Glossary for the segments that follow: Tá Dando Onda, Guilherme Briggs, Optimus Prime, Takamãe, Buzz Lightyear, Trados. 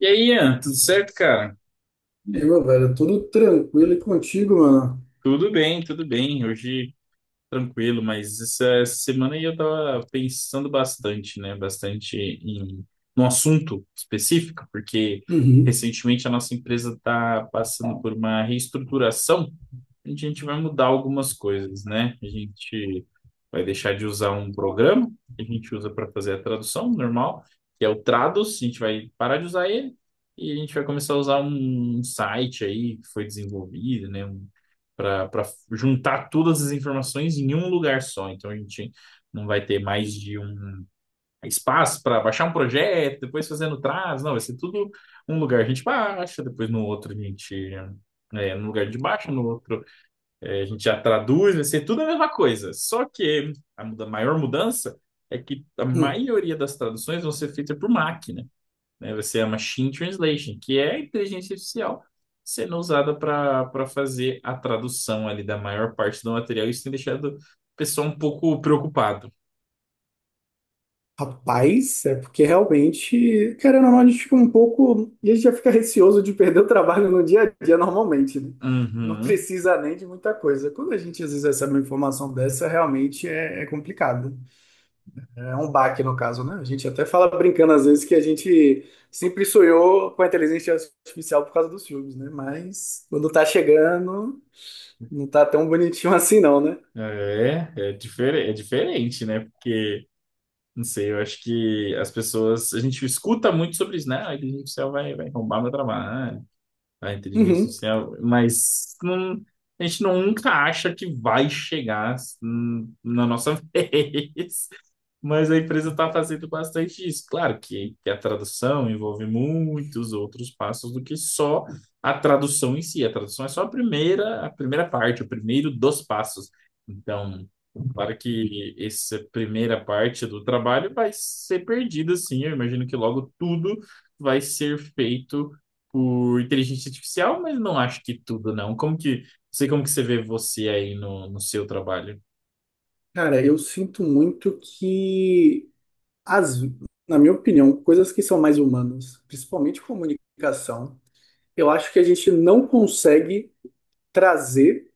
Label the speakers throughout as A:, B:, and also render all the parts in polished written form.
A: E aí, Ian, tudo certo, cara?
B: Meu, velho, tudo tranquilo e contigo, mano.
A: Tudo bem, tudo bem. Hoje tranquilo, mas essa semana aí eu tava pensando bastante, né? Bastante em um assunto específico, porque
B: Uhum.
A: recentemente a nossa empresa está passando por uma reestruturação, onde a gente vai mudar algumas coisas, né? A gente vai deixar de usar um programa que a gente usa para fazer a tradução normal, que é o Trados, a gente vai parar de usar ele e a gente vai começar a usar um site aí que foi desenvolvido, né, um, para juntar todas as informações em um lugar só. Então a gente não vai ter mais de um espaço para baixar um projeto, depois fazendo trás, não, vai ser tudo um lugar a gente baixa, depois no outro a gente é, no lugar de baixo, no outro é, a gente já traduz, vai ser tudo a mesma coisa. Só que a maior mudança é que a
B: Hum.
A: maioria das traduções vão ser feitas por máquina, né? Vai ser a machine translation, que é a inteligência artificial sendo usada para fazer a tradução ali da maior parte do material. Isso tem deixado o pessoal um pouco preocupado.
B: Rapaz, é porque realmente, querendo ou não, a gente fica um pouco. E a gente já fica receoso de perder o trabalho no dia a dia normalmente, né? Não
A: Uhum.
B: precisa nem de muita coisa. Quando a gente às vezes recebe uma informação dessa, realmente é complicado. É um baque, no caso, né? A gente até fala brincando às vezes que a gente sempre sonhou com a inteligência artificial por causa dos filmes, né? Mas quando tá chegando, não tá tão bonitinho assim, não, né?
A: É, é, difer é diferente, né? Porque, não sei, eu acho que as pessoas. A gente escuta muito sobre isso, né? Ah, a inteligência artificial vai, vai roubar meu trabalho. A inteligência
B: Uhum.
A: artificial, mas a gente nunca acha que vai chegar na nossa vez. Mas a empresa está fazendo bastante isso. Claro que a tradução envolve muitos outros passos do que só a tradução em si. A tradução é só a primeira parte, o primeiro dos passos. Então, claro que essa primeira parte do trabalho vai ser perdida, sim. Eu imagino que logo tudo vai ser feito por inteligência artificial, mas não acho que tudo, não. Como que, sei como que você vê você aí no seu trabalho.
B: Cara, eu sinto muito que, as, na minha opinião, coisas que são mais humanas, principalmente comunicação, eu acho que a gente não consegue trazer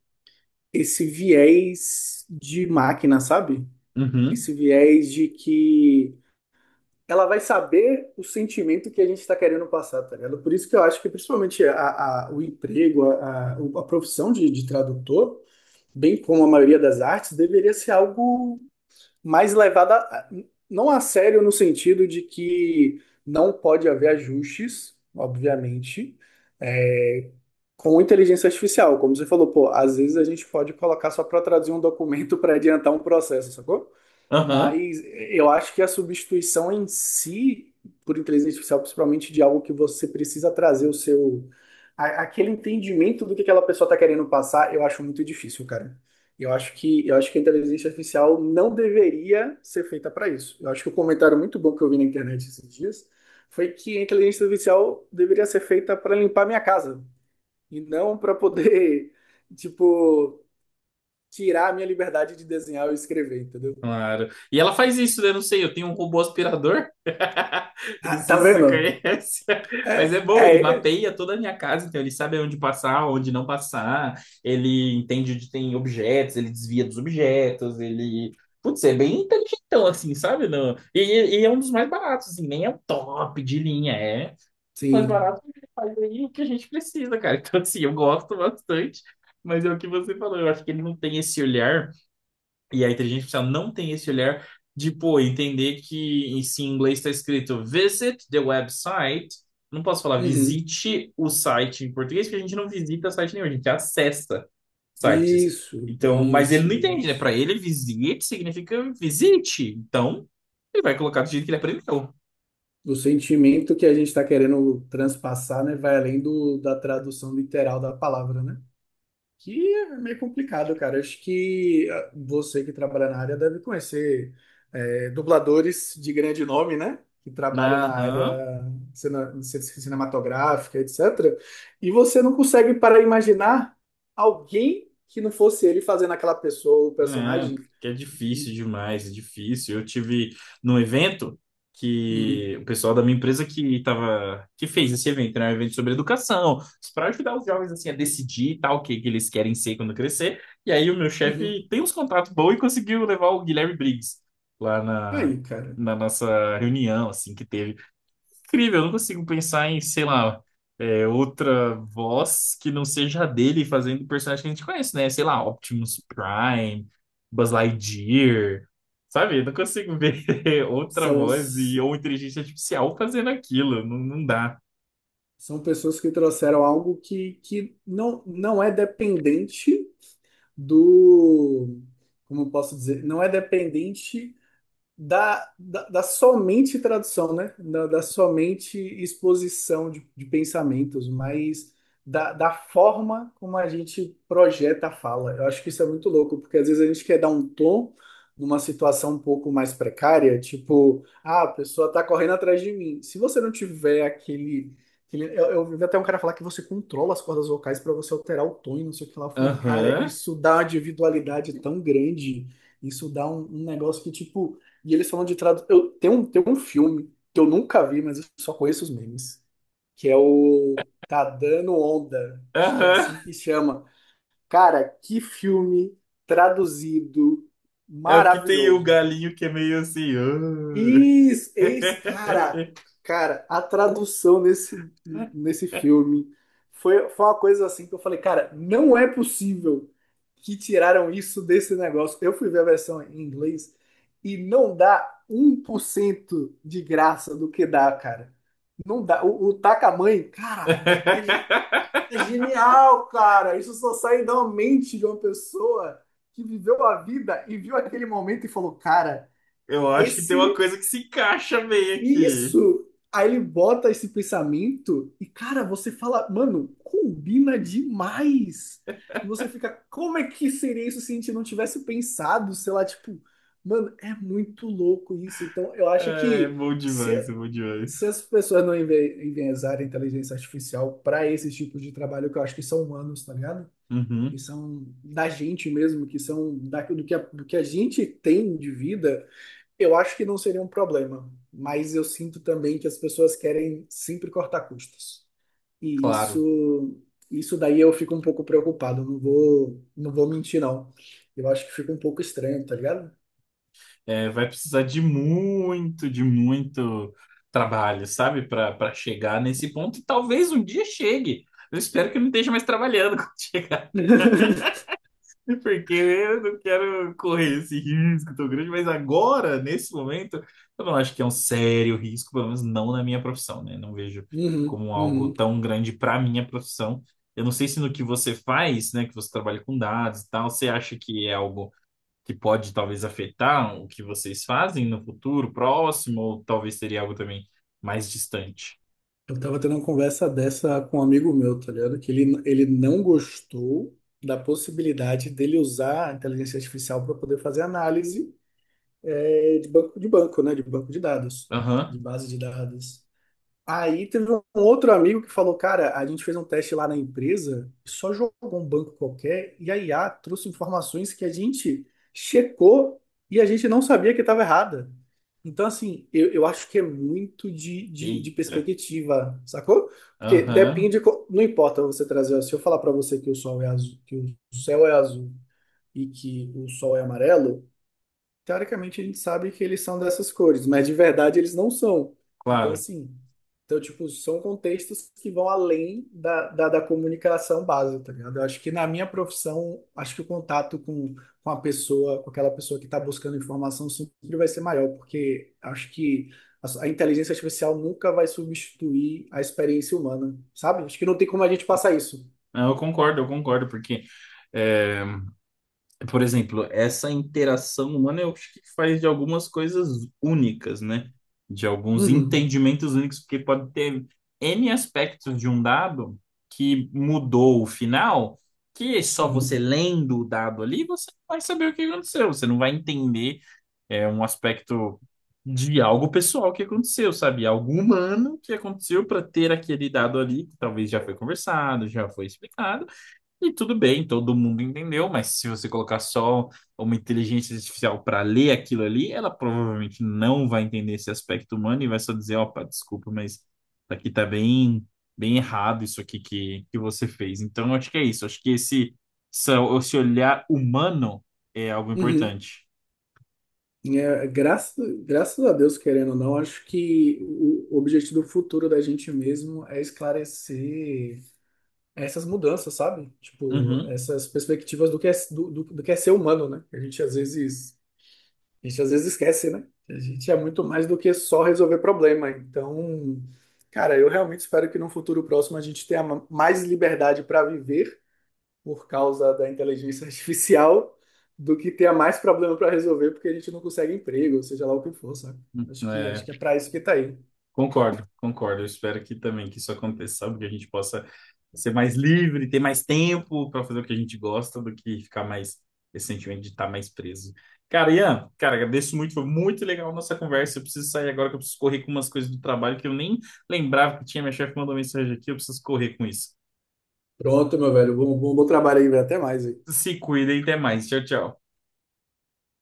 B: esse viés de máquina, sabe?
A: Uhum,
B: Esse viés de que ela vai saber o sentimento que a gente está querendo passar, tá ligado? Por isso que eu acho que, principalmente, o emprego, a profissão de tradutor, bem como a maioria das artes, deveria ser algo. mas levada a- não a sério no sentido de que não pode haver ajustes, obviamente, é, com inteligência artificial. Como você falou, pô, às vezes a gente pode colocar só para traduzir um documento para adiantar um processo, sacou?
A: aham,
B: Mas eu acho que a substituição em si, por inteligência artificial, principalmente de algo que você precisa trazer o seu. Aquele entendimento do que aquela pessoa está querendo passar, eu acho muito difícil, cara. Eu acho que a inteligência artificial não deveria ser feita para isso. Eu acho que o comentário muito bom que eu vi na internet esses dias foi que a inteligência artificial deveria ser feita para limpar minha casa e não para poder, tipo, tirar a minha liberdade de desenhar ou escrever, entendeu?
A: claro. E ela faz isso, né? Não sei, eu tenho um robô aspirador. Eu não
B: Ah, tá
A: sei se você
B: vendo?
A: conhece, mas é bom, ele
B: É,
A: mapeia toda a minha casa, então ele sabe onde passar, onde não passar, ele entende onde tem objetos, ele desvia dos objetos, ele... Putz, é bem inteligentão, assim, sabe? Não... E, e é um dos mais baratos, assim, nem é o top de linha, é mais
B: sim.
A: barato que faz aí o que a gente precisa, cara. Então, assim, eu gosto bastante, mas é o que você falou. Eu acho que ele não tem esse olhar, e a inteligência artificial não tem esse olhar de, pô, entender que se em inglês está escrito visit the website, não posso falar
B: Uhum.
A: visite o site em português, porque a gente não visita site nenhum, a gente acessa sites.
B: Isso,
A: Então, mas ele
B: isso,
A: não entende, né? Para
B: isso.
A: ele, visit significa visite. Então, ele vai colocar do jeito que ele aprendeu.
B: O sentimento que a gente está querendo transpassar, né, vai além do, da tradução literal da palavra, né? Que é meio complicado, cara. Acho que ah, você que trabalha na área deve conhecer dubladores de grande nome, né? Que trabalham na área
A: Aham.
B: cinematográfica, etc. E você não consegue para imaginar alguém que não fosse ele fazendo aquela pessoa, o
A: É,
B: personagem.
A: que é difícil demais, é difícil. Eu tive num evento
B: Uhum,
A: que o pessoal da minha empresa que tava, que fez esse evento, né? Um evento sobre educação, para ajudar os jovens assim a decidir e tal, o que, que eles querem ser quando crescer. E aí o meu
B: uhum.
A: chefe tem uns contatos bons e conseguiu levar o Guilherme Briggs lá
B: E aí, cara?
A: na nossa reunião, assim, que teve incrível, eu não consigo pensar em, sei lá, é, outra voz que não seja a dele fazendo o personagem que a gente conhece, né? Sei lá, Optimus Prime, Buzz Lightyear, sabe? Eu não consigo ver outra
B: São,
A: voz e, ou inteligência artificial fazendo aquilo, não, não dá.
B: são pessoas que trouxeram algo que não, não é dependente. Do, como eu posso dizer, não é dependente da somente tradução, né? Da somente exposição de pensamentos, mas da forma como a gente projeta a fala. Eu acho que isso é muito louco, porque às vezes a gente quer dar um tom numa situação um pouco mais precária, tipo, ah, a pessoa tá correndo atrás de mim. Se você não tiver aquele. Eu vi até um cara falar que você controla as cordas vocais para você alterar o tom e não sei o que lá. Eu falei, cara,
A: Aham,
B: isso dá uma individualidade tão grande, isso dá um negócio que, tipo, e eles falam de tradução. Eu tem um filme que eu nunca vi, mas eu só conheço os memes, que é o Tá Dando Onda. Acho que é
A: aham,
B: assim que chama. Cara, que filme traduzido
A: é o que tem o
B: maravilhoso.
A: galinho que é meio assim. "Ah".
B: Isso, esse cara, cara, a tradução nesse filme foi uma coisa assim que eu falei, cara, não é possível que tiraram isso desse negócio. Eu fui ver a versão em inglês e não dá 1% de graça do que dá, cara. Não dá. O Takamãe, cara, é genial, cara. Isso só sai da mente de uma pessoa que viveu a vida e viu aquele momento e falou, cara.
A: Eu acho que tem
B: Esse
A: uma coisa que se encaixa bem aqui.
B: isso! Aí ele bota esse pensamento e, cara, você fala, mano, combina demais. E você fica, como é que seria isso se a gente não tivesse pensado? Sei lá, tipo, mano, é muito louco isso. Então, eu acho
A: É
B: que
A: bom demais, é
B: se,
A: bom demais.
B: se as pessoas não enviesarem a inteligência artificial para esse tipo de trabalho, que eu acho que são humanos, tá ligado? Que
A: Uhum,
B: são da gente mesmo, que são da, do que a gente tem de vida. Eu acho que não seria um problema, mas eu sinto também que as pessoas querem sempre cortar custos. E
A: claro.
B: isso daí eu fico um pouco preocupado, não vou mentir, não. Eu acho que fica um pouco estranho, tá ligado?
A: É, vai precisar de muito trabalho, sabe? Para chegar nesse ponto. E talvez um dia chegue. Eu espero que eu não esteja mais trabalhando quando chegar, porque eu não quero correr esse risco tão grande. Mas agora, nesse momento, eu não acho que é um sério risco, pelo menos não na minha profissão, né? Não vejo
B: Uhum,
A: como algo
B: uhum.
A: tão grande para minha profissão. Eu não sei se no que você faz, né, que você trabalha com dados e tal, você acha que é algo que pode talvez afetar o que vocês fazem no futuro próximo, ou talvez seria algo também mais distante.
B: Eu tava tendo uma conversa dessa com um amigo meu, tá ligado? Que ele não gostou da possibilidade dele usar a inteligência artificial para poder fazer análise de banco, né? De banco de dados, de
A: Aham.
B: base de dados. Aí teve um outro amigo que falou, cara, a gente fez um teste lá na empresa, só jogou um banco qualquer e a IA trouxe informações que a gente checou e a gente não sabia que estava errada. Então, assim, eu acho que é muito de
A: Eita.
B: perspectiva, sacou? Porque
A: Aham.
B: depende, não importa você trazer, se eu falar para você que o sol é azul, que o céu é azul e que o sol é amarelo, teoricamente a gente sabe que eles são dessas cores, mas de verdade eles não são. Então,
A: Claro.
B: assim, então, tipo, são contextos que vão além da comunicação básica, tá ligado? Eu acho que na minha profissão, acho que o contato com, a pessoa, com aquela pessoa que está buscando informação, sempre vai ser maior, porque acho que a inteligência artificial nunca vai substituir a experiência humana, sabe? Acho que não tem como a gente passar isso.
A: Não, eu concordo, eu concordo, porque eh, por exemplo, essa interação humana eu acho que faz de algumas coisas únicas, né? De alguns
B: Uhum,
A: entendimentos únicos, porque pode ter N aspectos de um dado que mudou o final, que só você
B: uhum,
A: lendo o dado ali, você não vai saber o que aconteceu, você não vai entender é, um aspecto de algo pessoal que aconteceu, sabe? Algo humano que aconteceu para ter aquele dado ali, que talvez já foi conversado, já foi explicado e tudo bem, todo mundo entendeu, mas se você colocar só uma inteligência artificial para ler aquilo ali, ela provavelmente não vai entender esse aspecto humano e vai só dizer, opa, desculpa, mas aqui tá bem, bem errado isso aqui que você fez. Então, eu acho que é isso. Acho que esse, esse olhar humano é algo
B: uhum.
A: importante.
B: É, graças a Deus, querendo ou não, acho que o objetivo futuro da gente mesmo é esclarecer essas mudanças, sabe? Tipo,
A: Uhum.
B: essas perspectivas do que é ser humano, né? A gente às vezes esquece, né? A gente é muito mais do que só resolver problema. Então, cara, eu realmente espero que no futuro próximo a gente tenha mais liberdade para viver por causa da inteligência artificial do que ter mais problema para resolver porque a gente não consegue emprego, ou seja lá o que for, sabe? Acho que, acho
A: É,
B: que é para isso que tá aí.
A: concordo, concordo. Eu espero que também que isso aconteça, sabe? Que a gente possa ser mais livre, ter mais tempo para fazer o que a gente gosta do que ficar mais esse sentimento de estar mais preso. Cara, Ian, cara, agradeço muito, foi muito legal a nossa conversa. Eu preciso sair agora que eu preciso correr com umas coisas do trabalho que eu nem lembrava que tinha. Minha chefe mandou mensagem aqui, eu preciso correr com isso.
B: Pronto, meu velho. Bom trabalho aí, velho. Até mais aí.
A: Se cuida e até mais. Tchau, tchau.